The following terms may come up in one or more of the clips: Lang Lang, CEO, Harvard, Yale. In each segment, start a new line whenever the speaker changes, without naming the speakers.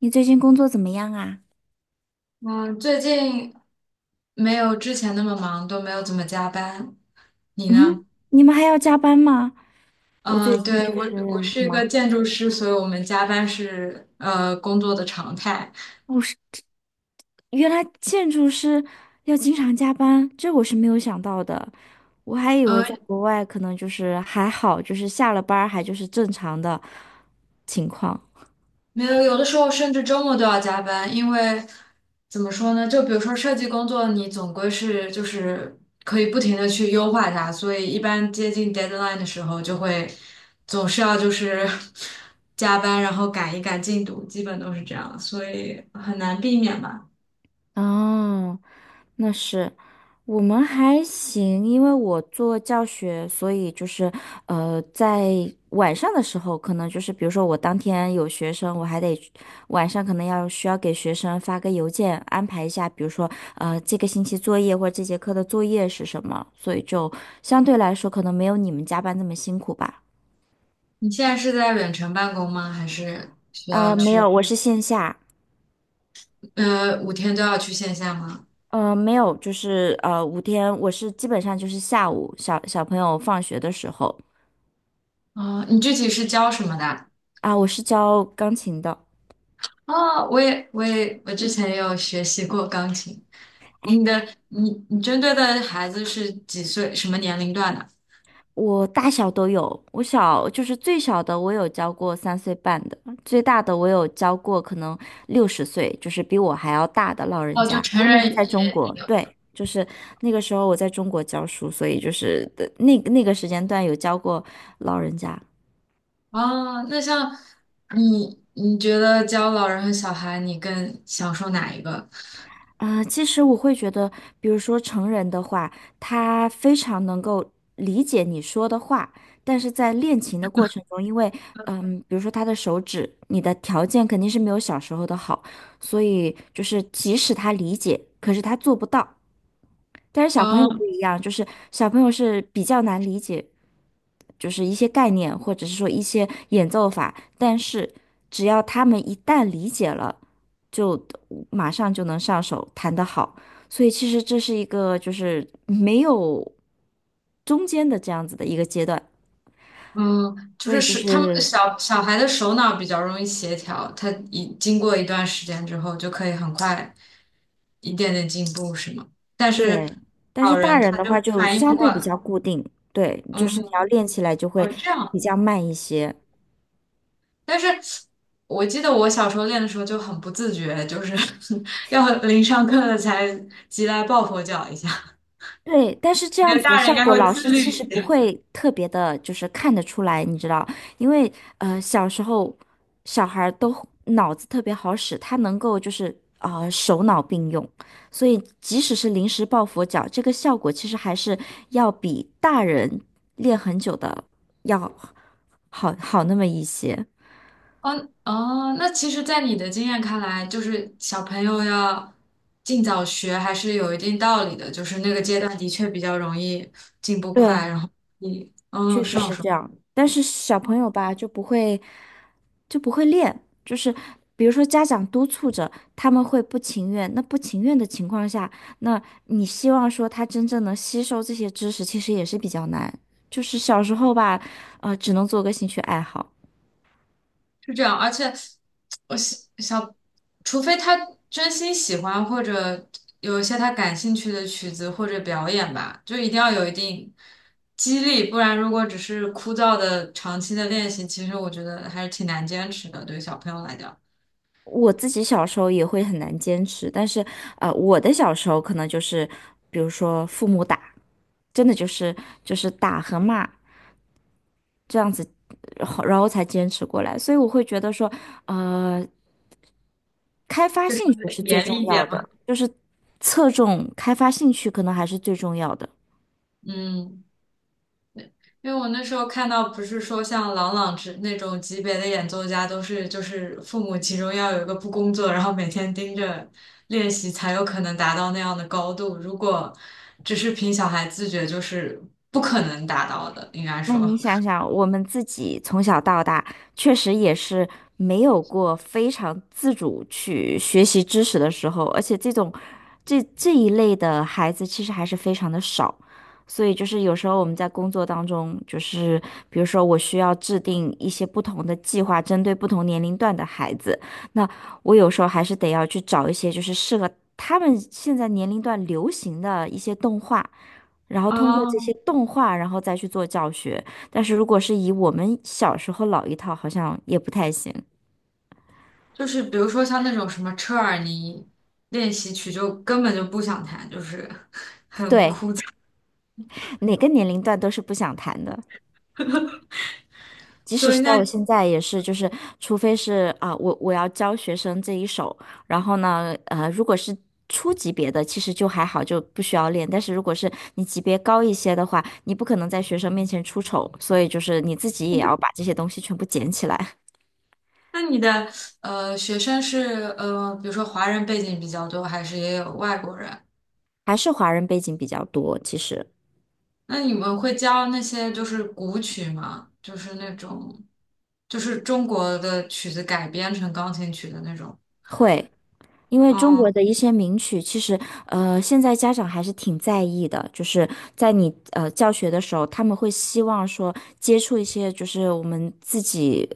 你最近工作怎么样啊？
嗯，最近没有之前那么忙，都没有怎么加班。你
嗯，
呢？
你们还要加班吗？我最
嗯，
近
对，
就
我
是
我
什
是一个
么？
建筑师，所以我们加班是工作的常态。
哦，是，原来建筑师要经常加班，这我是没有想到的。我还以为
呃，
在国外可能就是还好，就是下了班儿还就是正常的情况。
没有，有的时候甚至周末都要加班，因为怎么说呢？就比如说设计工作，你总归是就是可以不停的去优化它，所以一般接近 deadline 的时候，就会总是要就是 加班，然后赶一赶进度，基本都是这样，所以很难避免吧。
哦，那是，我们还行，因为我做教学，所以就是，在晚上的时候，可能就是，比如说我当天有学生，我还得晚上可能要需要给学生发个邮件，安排一下，比如说，这个星期作业或者这节课的作业是什么，所以就相对来说可能没有你们加班那么辛苦吧。
你现在是在远程办公吗？还是需要
没
去，
有，我是线下。
五天都要去线下吗？
没有，就是五天，我是基本上就是下午小朋友放学的时候。
哦，你具体是教什么的？
啊，我是教钢琴的。
哦，我之前也有学习过钢琴。
哎，
你针对的孩子是几岁，什么年龄段的？
我大小都有，我小就是最小的我有教过三岁半的，最大的我有教过可能六十岁，就是比我还要大的老人
哦，就
家。不
成
过那是
人
在中
也
国，
有。
对，就是那个时候我在中国教书，所以就是的那个时间段有教过老人家。
哦，那像你觉得教老人和小孩，你更享受哪一个？
其实我会觉得，比如说成人的话，他非常能够理解你说的话，但是在练琴的过程中，因为，比如说他的手指，你的条件肯定是没有小时候的好，所以就是即使他理解，可是他做不到。但是小朋友不
哦，
一样，就是小朋友是比较难理解，就是一些概念，或者是说一些演奏法，但是只要他们一旦理解了，就马上就能上手，弹得好。所以其实这是一个就是没有中间的这样子的一个阶段，
嗯，就
所
是
以就
他们
是
小小孩的手脑比较容易协调，他一经过一段时间之后，就可以很快一点点进步，是吗？但是
对。但是
老
大
人
人
他
的
就
话就
反应不
相
过
对比
来。
较固定，对，就是
嗯，
你要练起来就
哦，
会
这样。
比较慢一些。
但是我记得我小时候练的时候就很不自觉，就是 要临上课了才急来抱佛脚一下。
对，但是这
我觉
样
得
子的
大人应
效
该
果，
会
老
自
师其
律。
实不会特别的，就是看得出来，你知道，因为小时候小孩儿都脑子特别好使，他能够就是手脑并用，所以即使是临时抱佛脚，这个效果其实还是要比大人练很久的要好那么一些。
哦哦，那其实，在你的经验看来，就是小朋友要尽早学还是有一定道理的，就是那个阶段的确比较容易进步快，
对，
然后你
确实
上
是
手
这样，但是小朋友吧就不会练，就是比如说家长督促着，他们会不情愿。那不情愿的情况下，那你希望说他真正能吸收这些知识，其实也是比较难。就是小时候吧，只能做个兴趣爱好。
是这样，而且我小小，除非他真心喜欢或者有一些他感兴趣的曲子或者表演吧，就一定要有一定激励，不然如果只是枯燥的长期的练习，其实我觉得还是挺难坚持的，对于小朋友来讲，
我自己小时候也会很难坚持，但是我的小时候可能就是，比如说父母打，真的就是就是打和骂。这样子，然后才坚持过来。所以我会觉得说，呃，开发兴趣是最
严
重
厉一
要
点
的，
嘛。
就是侧重开发兴趣可能还是最重要的。
嗯。因为我那时候看到，不是说像郎朗之那种级别的演奏家，都是就是父母其中要有一个不工作，然后每天盯着练习，才有可能达到那样的高度。如果只是凭小孩自觉，就是不可能达到的，应该
那你
说。
想想，我们自己从小到大，确实也是没有过非常自主去学习知识的时候，而且这种这一类的孩子其实还是非常的少。所以就是有时候我们在工作当中，就是比如说我需要制定一些不同的计划，针对不同年龄段的孩子，那我有时候还是得要去找一些就是适合他们现在年龄段流行的一些动画。然后通过这些
哦，
动画，然后再去做教学。但是如果是以我们小时候老一套，好像也不太行。
就是比如说像那种什么车尔尼练习曲，就根本就不想弹，就是。
对，哪个年龄段都是不想谈的，即使
所以
是到
那
我现在也是，就是除非是啊，我要教学生这一手，然后呢，如果是。初级别的其实就还好，就不需要练。但是如果是你级别高一些的话，你不可能在学生面前出丑，所以就是你自己也要把这些东西全部捡起来。
那你的呃学生是比如说华人背景比较多，还是也有外国人？
还是华人背景比较多，其实
那你们会教那些就是古曲吗？就是那种，就是中国的曲子改编成钢琴曲的那种。
会。因为中
嗯
国的一些名曲，其实现在家长还是挺在意的，就是在你教学的时候，他们会希望说接触一些就是我们自己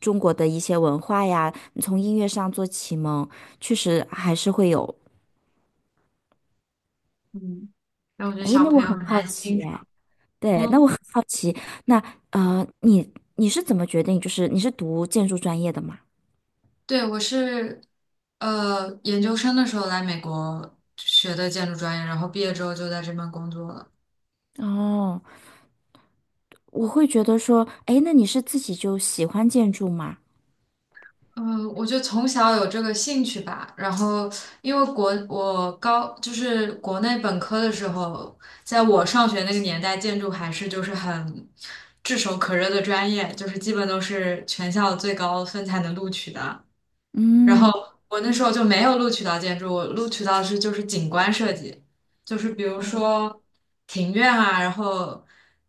中国的一些文化呀，从音乐上做启蒙，确实还是会有。
嗯，但我觉得
诶，
小
那我
朋友
很
很
好
难欣
奇
赏。
哎，对，那我
嗯，
很好奇，那你是怎么决定，就是你是读建筑专业的嘛？
对，我是研究生的时候来美国学的建筑专业，然后毕业之后就在这边工作了。
哦，我会觉得说，诶，那你是自己就喜欢建筑吗？
嗯，我就从小有这个兴趣吧，然后因为国我高就是国内本科的时候，在我上学那个年代，建筑还是就是很炙手可热的专业，就是基本都是全校最高分才能录取的。然后
嗯。
我那时候就没有录取到建筑，我录取到的是就是景观设计，就是比如说庭院啊，然后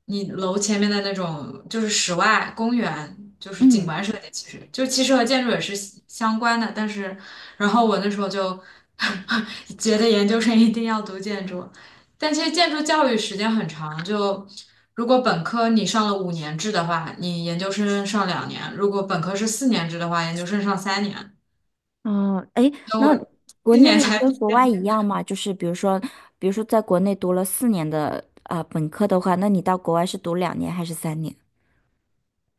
你楼前面的那种就是室外公园，就是景
嗯，
观设计，其实和建筑也是相关的，然后我那时候就 觉得研究生一定要读建筑，但其实建筑教育时间很长，就。如果本科你上了5年制的话，你研究生上两年；如果本科是4年制的话，研究生上三年。
哦，哎，那国
今年
内
才毕
跟国外
业。
一样吗？就是比如说，比如说在国内读了四年的本科的话，那你到国外是读两年还是三年？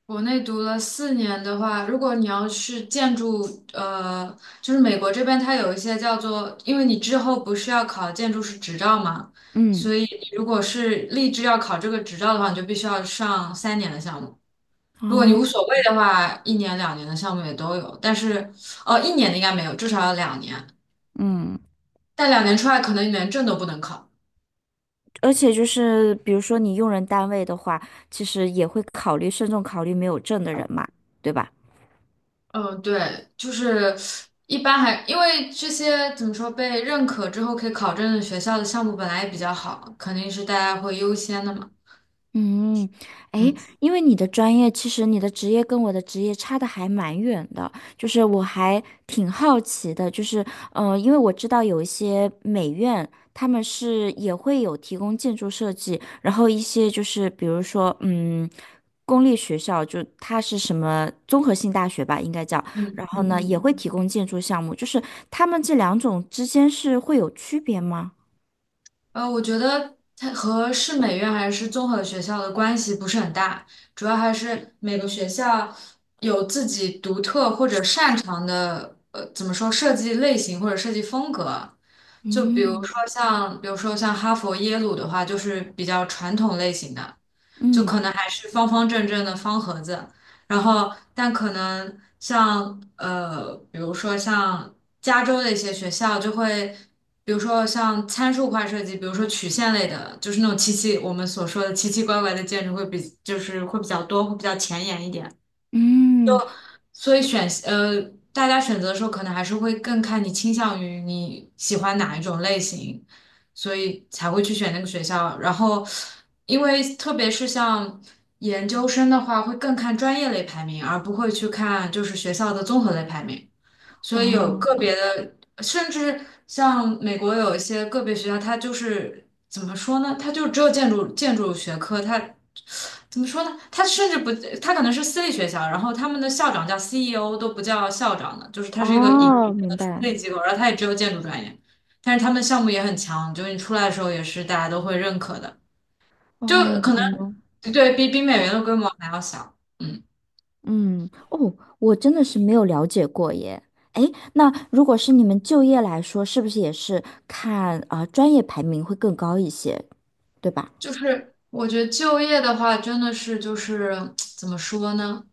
国内读了四年的话，如果你要是建筑，呃，就是美国这边它有一些叫做，因为你之后不是要考建筑师执照嘛，
嗯，
所以你如果是立志要考这个执照的话，你就必须要上三年的项目。如果你无
哦，
所谓的话，1年、2年的项目也都有，但是，哦，一年的应该没有，至少要两年。
嗯，
但两年出来，可能你连证都不能考。
而且就是比如说你用人单位的话，其实也会考虑慎重考虑没有证的人嘛，对吧？
嗯，对，就是一般还因为这些怎么说被认可之后可以考证的学校的项目本来也比较好，肯定是大家会优先的嘛。
嗯，诶，
嗯
因为你的专业，其实你的职业跟我的职业差的还蛮远的，就是我还挺好奇的，就是，因为我知道有一些美院，他们是也会有提供建筑设计，然后一些就是比如说，嗯，公立学校就它是什么综合性大学吧，应该叫，
嗯
然后
嗯
呢也
嗯。
会提供建筑项目，就是他们这两种之间是会有区别吗？
我觉得它和市美院还是综合学校的关系不是很大，主要还是每个学校有自己独特或者擅长的，怎么说设计类型或者设计风格。就比如说
嗯
像，比如说像哈佛、耶鲁的话，就是比较传统类型的，就
嗯
可能还是方方正正的方盒子。然后，但可能像比如说像加州的一些学校就会。比如说像参数化设计，比如说曲线类的，就是那种我们所说的奇奇怪怪的建筑会比较多，会比较前沿一点。
嗯，
所以大家选择的时候可能还是会更看你倾向于你喜欢哪一种类型，所以才会去选那个学校。然后，因为特别是像研究生的话，会更看专业类排名，而不会去看就是学校的综合类排名。所以有个
哦。
别的，甚至像美国有一些个别学校，它就是怎么说呢？它就只有建筑学科，它怎么说呢？它甚至不，它可能是私立学校，然后他们的校长叫 CEO 都不叫校长的，就是它是一个盈
哦，
利的
明
私
白。
立机构，然后它也只有建筑专业，但是他们项目也很强，就是你出来的时候也是大家都会认可的，就
哦，
可
原来是
能对比
这
美元的
样。
规模还要小。嗯。
嗯，哦，我真的是没有了解过耶。哎，那如果是你们就业来说，是不是也是看专业排名会更高一些，对吧？
就是我觉得就业的话，真的是就是怎么说呢？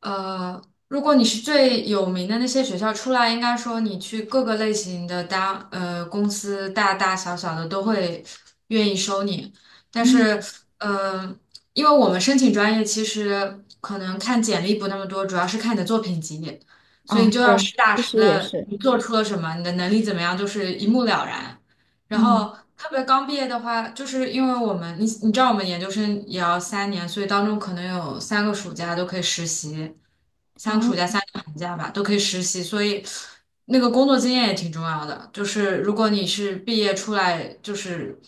呃，如果你是最有名的那些学校出来，应该说你去各个类型的大公司，大大小小的都会愿意收你。但
嗯，
是，呃，因为我们申请专业其实可能看简历不那么多，主要是看你的作品集，所以你
啊，
就要
对，
实打
其
实
实也
的
是。
你做出了什么，你的能力怎么样，就是一目了然。然
嗯，
后特别刚毕业的话，就是因为我们，你知道我们研究生也要三年，所以当中可能有三个暑假都可以实习，三个暑
哦，
假、三个寒假吧，都可以实习，所以那个工作经验也挺重要的。就是如果你是毕业出来，就是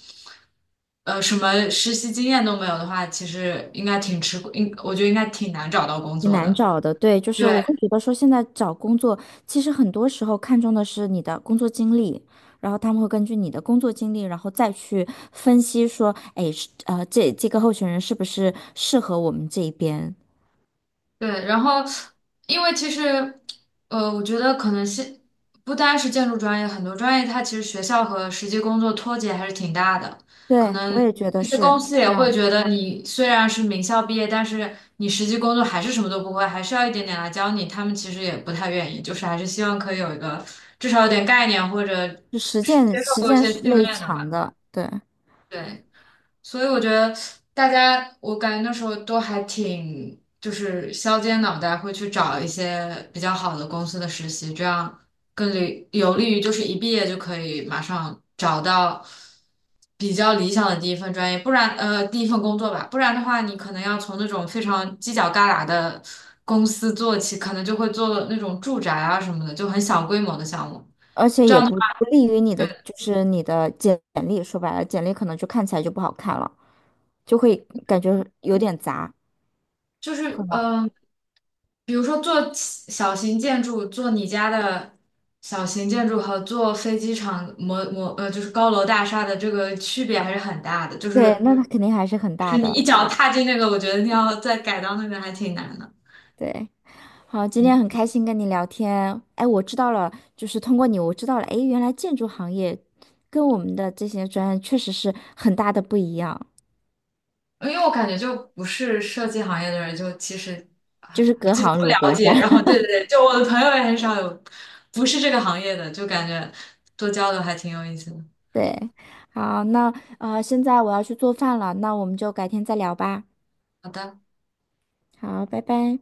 什么实习经验都没有的话，其实应该挺吃，应我觉得应该挺难找到工
挺
作
难
的。
找的，对，就是我
对，
会觉得说，现在找工作，其实很多时候看重的是你的工作经历，然后他们会根据你的工作经历，然后再去分析说，哎，是这个候选人是不是适合我们这一边？
对，然后因为其实，我觉得可能是不单是建筑专业，很多专业它其实学校和实际工作脱节还是挺大的。可
对，
能
我也觉得
一些
是
公
是
司也
这
会
样，
觉得你虽然是名校毕业，但是你实际工作还是什么都不会，还是要一点点来教你。他们其实也不太愿意，就是还是希望可以有一个至少有点概念或者
就实
是
践
接受
实
过一
践
些
是
训
类
练的
强
吧。
的，对，
对，所以我觉得大家，我感觉那时候都还挺就是削尖脑袋会去找一些比较好的公司的实习，这样有利于就是一毕业就可以马上找到比较理想的第一份专业，不然第一份工作吧，不然的话你可能要从那种非常犄角旮旯的公司做起，可能就会做那种住宅啊什么的，就很小规模的项目。
而且
这
也
样的
不
话
不利于你的，就是你的简历，说白了，简历可能就看起来就不好看了，就会感觉有点杂，
就
会
是
吗？
比如说做小型建筑，做你家的小型建筑和做飞机场模模呃，就是高楼大厦的这个区别还是很大的。就
对，
是
那它肯定还是很
就是
大
你一
的。
脚踏进那个，我觉得你要再改到那边还挺难的。
对，好，今天
嗯，
很开心跟你聊天。哎，我知道了，就是通过你，我知道了，哎，原来建筑行业跟我们的这些专业确实是很大的不一样，
因为我感觉就不是设计行业的人，就其实啊
就是隔
基本
行
不
如
了
隔
解。
山。
然后 对对对，就我的朋友也很少有不是这个行业的，就感觉多交流还挺有意思的。
对，好，那现在我要去做饭了，那我们就改天再聊吧。
好的。
好，拜拜。